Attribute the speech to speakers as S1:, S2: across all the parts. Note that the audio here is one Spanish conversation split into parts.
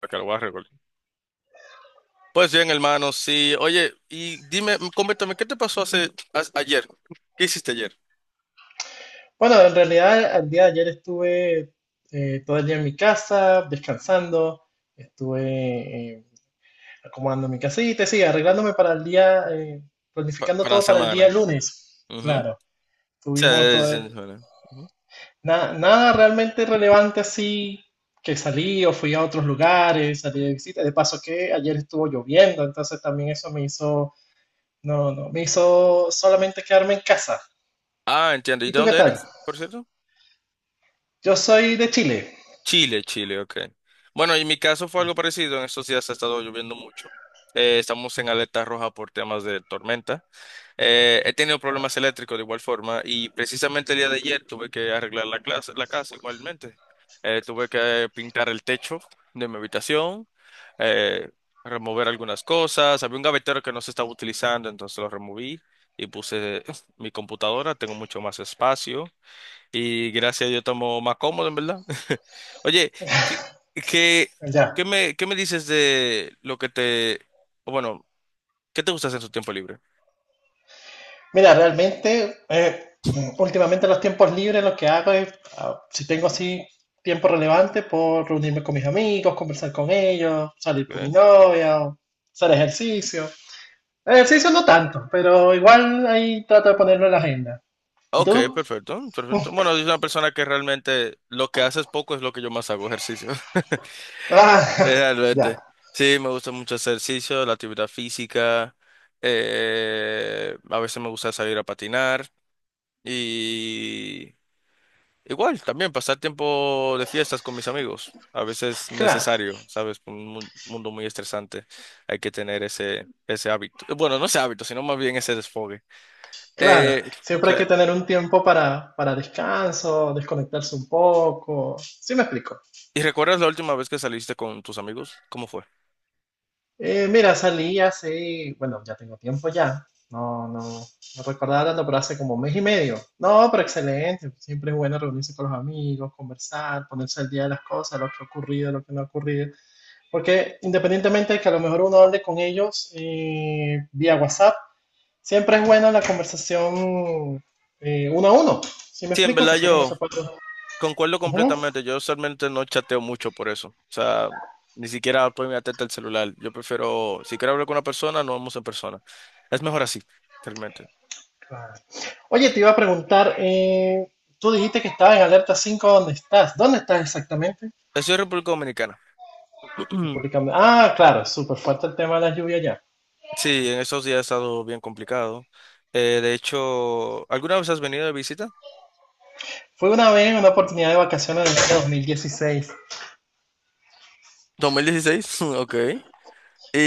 S1: Acá lo voy a recordar. Pues bien, hermano, sí. Oye, y dime, coméntame, ¿qué te pasó hace ayer? ¿Qué hiciste ayer?
S2: Bueno, en realidad el día de ayer estuve todo el día en mi casa, descansando, estuve acomodando mi casita, sí, arreglándome para el día, planificando
S1: Para la
S2: todo para el día
S1: semana.
S2: lunes.
S1: Ujú.
S2: Claro,
S1: Sí,
S2: tuvimos todo,
S1: sí, sí, bueno. Ujú.
S2: nada realmente relevante así, que salí o fui a otros lugares, salí de visita. De paso que ayer estuvo lloviendo, entonces también eso me hizo, no, no, me hizo solamente quedarme en casa.
S1: Ah, entiendo. ¿Y
S2: ¿Y
S1: de
S2: tú qué
S1: dónde
S2: tal?
S1: eres, por cierto?
S2: Yo soy de Chile,
S1: Chile, Chile, ok. Bueno, en mi caso fue algo parecido. En estos días ha estado lloviendo mucho. Estamos en alerta roja por temas de tormenta. He tenido problemas eléctricos de igual forma y precisamente el día de ayer tuve que arreglar la clase, la casa igualmente. Tuve que pintar el techo de mi habitación, eh, remover algunas cosas. Había un gavetero que no se estaba utilizando, entonces lo removí y puse mi computadora. Tengo mucho más espacio y gracias a Dios estamos más cómodo, en verdad. Oye, ¿qué, qué,
S2: allá.
S1: qué me dices de lo que te, o bueno, qué te gusta hacer en tu tiempo libre?
S2: Mira, realmente, últimamente los tiempos libres lo que hago es, si tengo así tiempo relevante, puedo reunirme con mis amigos, conversar con ellos, salir con mi novia, o hacer ejercicio. Ejercicio no tanto, pero igual ahí trato de ponerlo en la agenda. ¿Y
S1: Ok,
S2: tú?
S1: perfecto, perfecto. Bueno, soy una persona que realmente lo que hace es poco es lo que yo más hago, ejercicio.
S2: Ah, ya,
S1: Realmente. Sí, me gusta mucho hacer ejercicio, la actividad física. A veces me gusta salir a patinar. Y igual, también pasar tiempo de fiestas con mis amigos. A veces
S2: claro,
S1: necesario, ¿sabes? Un mundo muy estresante. Hay que tener ese hábito. Bueno, no ese hábito, sino más bien ese desfogue.
S2: claro.
S1: Eh,
S2: Siempre hay que
S1: claro.
S2: tener un tiempo para descanso, desconectarse un poco. ¿Sí me explico?
S1: ¿Y recuerdas la última vez que saliste con tus amigos? ¿Cómo fue?
S2: Mira, salí hace, bueno, ya tengo tiempo ya. No, no, no recordaba tanto, pero hace como mes y medio. No, pero excelente. Siempre es bueno reunirse con los amigos, conversar, ponerse al día de las cosas, lo que ha ocurrido, lo que no ha ocurrido. Porque independientemente de que a lo mejor uno hable con ellos vía WhatsApp, siempre es buena la conversación uno a uno. ¿Sí me
S1: Sí, en
S2: explico? Que
S1: verdad
S2: uno se
S1: yo
S2: puede.
S1: concuerdo
S2: Ujú.
S1: completamente. Yo usualmente no chateo mucho por eso. O sea, ni siquiera estoy mi atenta al celular. Yo prefiero, si quiero hablar con una persona, nos vemos en persona. Es mejor así, realmente.
S2: Claro. Oye, te iba a preguntar, tú dijiste que estabas en alerta 5. ¿Dónde estás? ¿Dónde estás exactamente?
S1: Estoy en República Dominicana.
S2: Ah, claro, súper fuerte el tema de la lluvia allá.
S1: Sí, en esos días ha estado bien complicado. De hecho, ¿alguna vez has venido de visita?
S2: Fue una vez, una oportunidad de vacaciones en el año 2016,
S1: 2016, ok.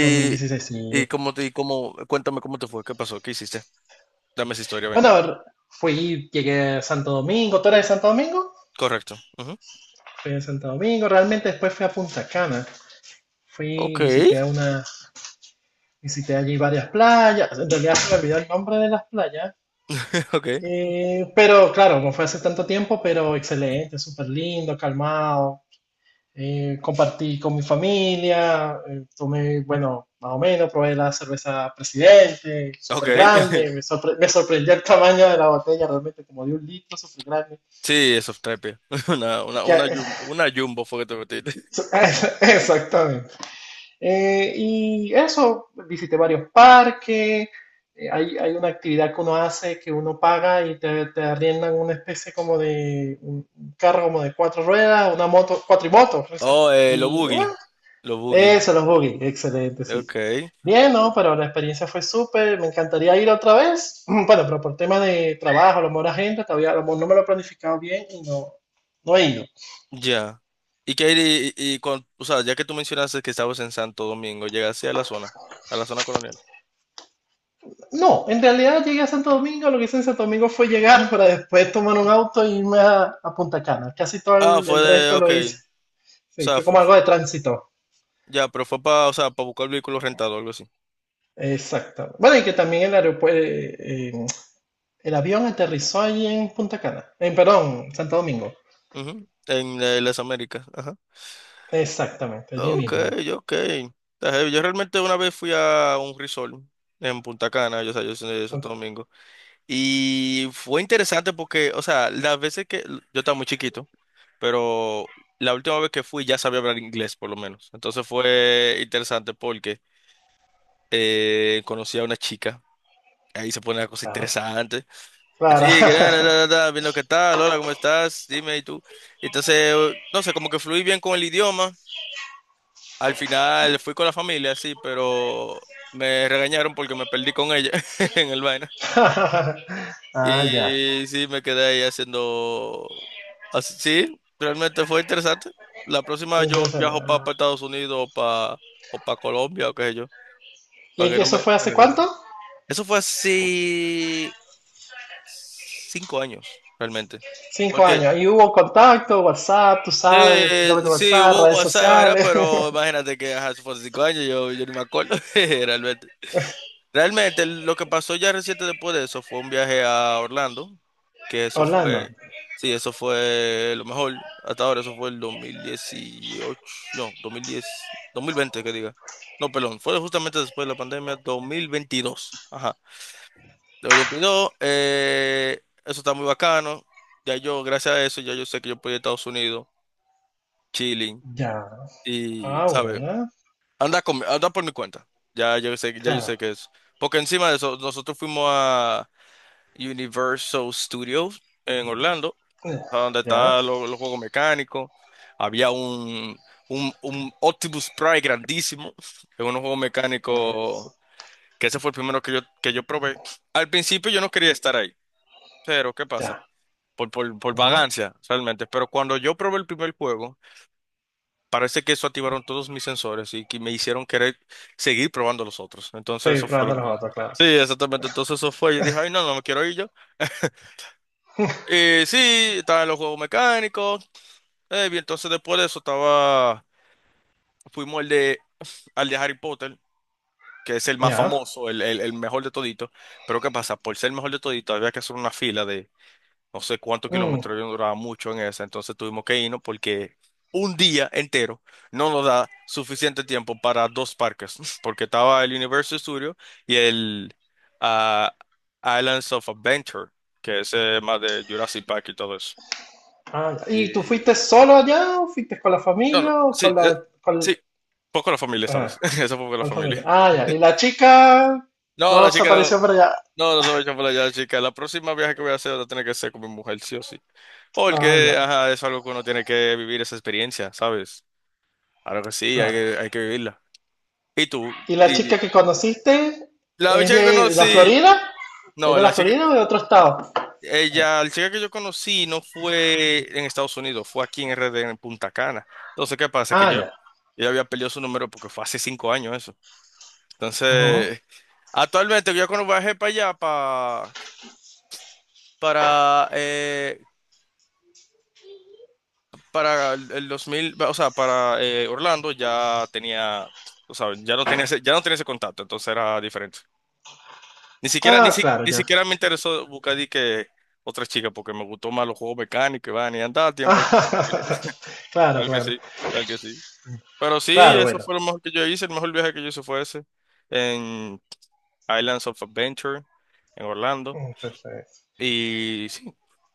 S1: y
S2: sí.
S1: cómo te, y cómo, cuéntame cómo te fue, qué pasó, qué hiciste. Dame esa historia,
S2: Bueno,
S1: venga.
S2: a ver, fui, llegué a Santo Domingo, ¿tú eres de Santo Domingo?
S1: Correcto.
S2: Fui a Santo Domingo, realmente después fui a Punta Cana. Fui,
S1: Ok,
S2: visité allí varias playas. En realidad se me olvidó el nombre de las playas.
S1: ok,
S2: Pero claro, no fue hace tanto tiempo, pero excelente, súper lindo, calmado. Compartí con mi familia, tomé, bueno, más o menos, probé la cerveza Presidente,
S1: ok.
S2: súper grande, me, sorpre- me sorprendió el tamaño de la botella, realmente como de un litro, súper grande.
S1: Sí, es Softrapia. Una, una jumbo fue que te metiste.
S2: Exactamente. Y eso, visité varios parques, hay una actividad que uno hace que uno paga y te arriendan una especie como de un carro como de cuatro ruedas, una moto, cuatrimoto. Creo que
S1: Oh, lo
S2: Y bueno,
S1: boogie. Lo boogie.
S2: eso, los buggy, excelente, sí.
S1: Ok,
S2: Bien, ¿no? Pero la experiencia fue súper, me encantaría ir otra vez, bueno, pero por tema de trabajo, a lo mejor la gente, todavía a lo mejor no me lo he planificado bien y no, no he ido.
S1: ya. Y que o sea, ya que tú mencionaste que estabas en Santo Domingo, llegaste a la zona colonial.
S2: No, en realidad llegué a Santo Domingo, lo que hice en Santo Domingo fue llegar para después tomar un auto e irme a Punta Cana. Casi todo
S1: Ah,
S2: el,
S1: fue
S2: el
S1: de,
S2: resto
S1: ok.
S2: lo
S1: O
S2: hice. Sí,
S1: sea,
S2: fue como algo de tránsito.
S1: ya, pero fue para, o sea, para buscar vehículos rentados o algo así.
S2: Exacto. Bueno, y que también el aeropuerto, el avión aterrizó allí en Punta Cana. En, perdón, Santo Domingo.
S1: Ujú. En, las Américas. Ajá.
S2: Exactamente, allí
S1: Ok,
S2: mismo.
S1: ok. Está heavy. Yo realmente una vez fui a un resort en Punta Cana, yo, o sea, yo soy de Santo
S2: Punta-
S1: Domingo, y fue interesante porque, o sea, las veces que yo estaba muy chiquito, pero la última vez que fui ya sabía hablar inglés por lo menos. Entonces fue interesante porque conocí a una chica, ahí se pone la cosa
S2: Claro.
S1: interesante.
S2: Claro.
S1: Sí, que viendo qué tal, hola, ¿cómo estás? Dime, ¿y tú? Entonces, no sé, como que fluí bien con el idioma. Al final fui con la familia, sí, pero me regañaron porque me perdí con ella en el vaina. Y sí, me quedé ahí haciendo... así- Sí, realmente fue interesante. La próxima
S2: Fue
S1: yo
S2: interesante.
S1: viajo para
S2: Ah.
S1: Estados Unidos o para o pa Colombia o qué sé yo,
S2: ¿Y
S1: para
S2: es
S1: que
S2: que
S1: no
S2: eso
S1: me
S2: fue hace
S1: regañen.
S2: cuánto?
S1: Eso fue así 5 años, realmente.
S2: Cinco
S1: Porque
S2: años. ¿Y hubo contacto, WhatsApp, tú sabes, doble
S1: sí,
S2: WhatsApp,
S1: hubo
S2: redes
S1: WhatsApp, ¿verdad?
S2: sociales?
S1: Pero imagínate que ajá, eso fue hace 5 años, yo ni me acuerdo, realmente. Realmente lo que pasó ya reciente después de eso fue un viaje a Orlando, que eso
S2: Orlando.
S1: fue, sí, eso fue lo mejor hasta ahora, eso fue el 2018, no, 2010, 2020 que diga. No, perdón, fue justamente después de la pandemia, 2022. Ajá. 2022, eso está muy bacano. Ya yo, gracias a eso, ya yo sé que yo puedo ir a Estados Unidos, chilling,
S2: Ya.
S1: y,
S2: Ah,
S1: ¿sabes?
S2: bueno.
S1: Anda, con, anda por mi cuenta. Ya yo
S2: Claro.
S1: sé que es. Porque encima de eso, nosotros fuimos a Universal Studios en Orlando,
S2: Ya.
S1: a donde
S2: Ya.
S1: estaban los juegos mecánicos. Había un Optimus Prime grandísimo, en unos juegos
S2: Ex-
S1: mecánicos, que ese fue el primero que yo probé. Al principio yo no quería estar ahí, pero ¿qué pasa?
S2: Ya.
S1: Por
S2: Ujú.
S1: vagancia, realmente. Pero cuando yo probé el primer juego, parece que eso activaron todos mis sensores y que me hicieron querer seguir probando los otros. Entonces
S2: Seguir
S1: eso fue lo
S2: probando
S1: que
S2: los
S1: pasó.
S2: otros, claro.
S1: Sí, exactamente. Entonces eso fue. Yo dije, ay, no, no me quiero ir yo. Sí, estaban los juegos mecánicos. Bien, entonces después de eso estaba, fuimos al de Harry Potter, que es el más
S2: Ya.
S1: famoso, el mejor de todito. Pero ¿qué pasa? Por ser el mejor de todito había que hacer una fila de no sé cuántos
S2: Mm.
S1: kilómetros, yo no duraba mucho en esa, entonces tuvimos que irnos porque un día entero no nos da suficiente tiempo para dos parques, porque estaba el Universal Studio y el ah, Islands of Adventure, que es más de Jurassic Park y todo eso.
S2: Ah, ya. ¿Y tú
S1: Sí.
S2: fuiste solo allá o fuiste con la
S1: No, no,
S2: familia o
S1: sí, sí, poco la familia esta
S2: ah,
S1: vez, eso poco la
S2: con la
S1: familia.
S2: familia? Ah, ya. ¿Y la chica
S1: No, la
S2: no se
S1: chica no,
S2: apareció por allá?
S1: no, no se va a echar por allá, chica. La próxima viaje que voy a hacer va a tener que ser con mi mujer, sí o sí.
S2: Ah,
S1: Porque,
S2: ya.
S1: ajá, es algo que uno tiene que vivir esa experiencia, ¿sabes? Claro que sí,
S2: Claro.
S1: hay que vivirla. ¿Y tú?
S2: ¿Y la chica
S1: Y
S2: que conociste
S1: la
S2: es
S1: chica que
S2: de la
S1: conocí,
S2: Florida? ¿Es
S1: no,
S2: de la
S1: la chica,
S2: Florida o de otro estado?
S1: ella, la chica que yo conocí no fue en Estados Unidos, fue aquí en RD, en Punta Cana. Entonces, ¿qué pasa? Que
S2: Ah, ya.
S1: yo había perdido su número porque fue hace cinco años eso.
S2: Ujú.
S1: Entonces, actualmente yo cuando viajé para allá, para, eh, para el 2000, o sea, para Orlando ya tenía, o sea, ya no tenía ese, ya no tenía ese contacto, entonces era diferente. Ni siquiera,
S2: Ah, claro,
S1: ni
S2: ya.
S1: siquiera me interesó buscar di que otra chica, porque me gustó más los juegos mecánicos, y van y andaba a tiempo.
S2: Ah, claro,
S1: Tal que
S2: claro.
S1: sí, tal que sí. Pero sí,
S2: Claro,
S1: eso
S2: bueno.
S1: fue lo mejor que yo hice, el mejor viaje que yo hice fue ese, en Islands of Adventure, en Orlando.
S2: Mm, perfecto.
S1: Y sí.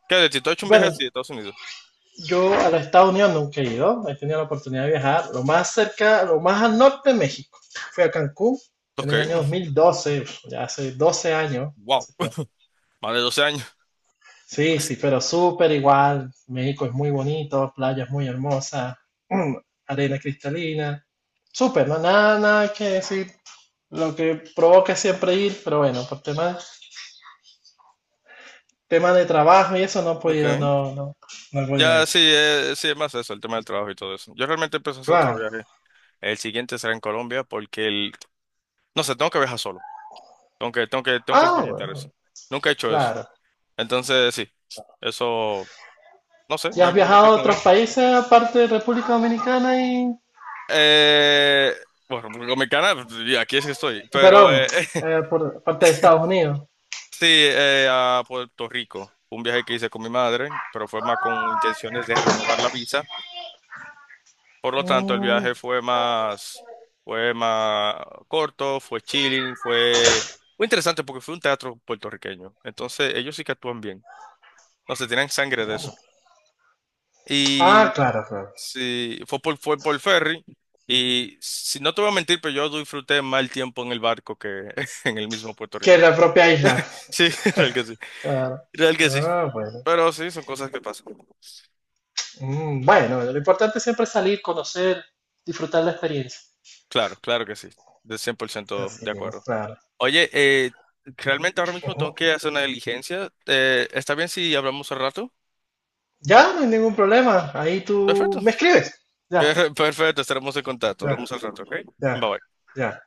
S1: ¿Qué? ¿De ti tú has hecho un viaje
S2: Bueno,
S1: así de Estados Unidos?
S2: yo a los Estados Unidos nunca he ido. He tenido la oportunidad de viajar lo más cerca, lo más al norte de México. Fui a Cancún en
S1: Ok.
S2: el año 2012, ya hace 12 años,
S1: Wow.
S2: hace tiempo.
S1: Más de 12 años.
S2: Sí,
S1: As-
S2: sí, pero súper igual. México es muy bonito, playas muy hermosas, mm, arena cristalina. Súper, no, nada, nada que decir. Lo que provoca es siempre ir, pero bueno, por tema de trabajo y eso no he
S1: Ok.
S2: podido, no, no, no he podido
S1: Ya
S2: ir.
S1: sí, sí, es más eso, el tema del trabajo y todo eso. Yo realmente empecé a hacer otro
S2: Claro.
S1: viaje. El siguiente será en Colombia porque el... No sé, tengo que viajar solo. Tengo que,
S2: Ah,
S1: experimentar
S2: bueno,
S1: eso. Nunca he hecho eso.
S2: claro.
S1: Entonces, sí. Eso, no sé,
S2: ¿Ya has
S1: me
S2: viajado
S1: quedé
S2: a
S1: con
S2: otros
S1: ganas.
S2: países aparte de República Dominicana y,
S1: Eh, bueno, con mi canal, y aquí es que estoy. Pero,
S2: perdón, por parte de Estados Unidos?
S1: Sí, a Puerto Rico. Fue un viaje que hice con mi madre, pero fue más con intenciones de renovar la visa. Por lo tanto, el
S2: Mm,
S1: viaje fue más corto, fue chilling, fue interesante porque fue un teatro puertorriqueño. Entonces, ellos sí que actúan bien. No se tienen sangre de eso.
S2: ah,
S1: Y
S2: claro, claro.
S1: sí, fue por ferry. Y si no te voy a mentir, pero yo disfruté más el tiempo en el barco que en el mismo Puerto
S2: Que
S1: Rico.
S2: la propia isla.
S1: Sí, real que sí.
S2: Claro.
S1: Real que sí.
S2: Ah, bueno.
S1: Pero sí, son cosas que pasan.
S2: Bueno, lo importante siempre es salir, conocer, disfrutar la experiencia.
S1: Claro, claro que sí. De 100%
S2: Así
S1: de
S2: mismo,
S1: acuerdo.
S2: claro.
S1: Oye, realmente ahora mismo tengo
S2: Ujú.
S1: que hacer una diligencia. ¿Está bien si hablamos al rato?
S2: Ya, no hay ningún problema. Ahí tú
S1: Perfecto.
S2: me escribes. Ya,
S1: Perfecto, estaremos en contacto.
S2: ya,
S1: Hablamos al rato, ¿ok?
S2: ya,
S1: Bye bye.
S2: ya.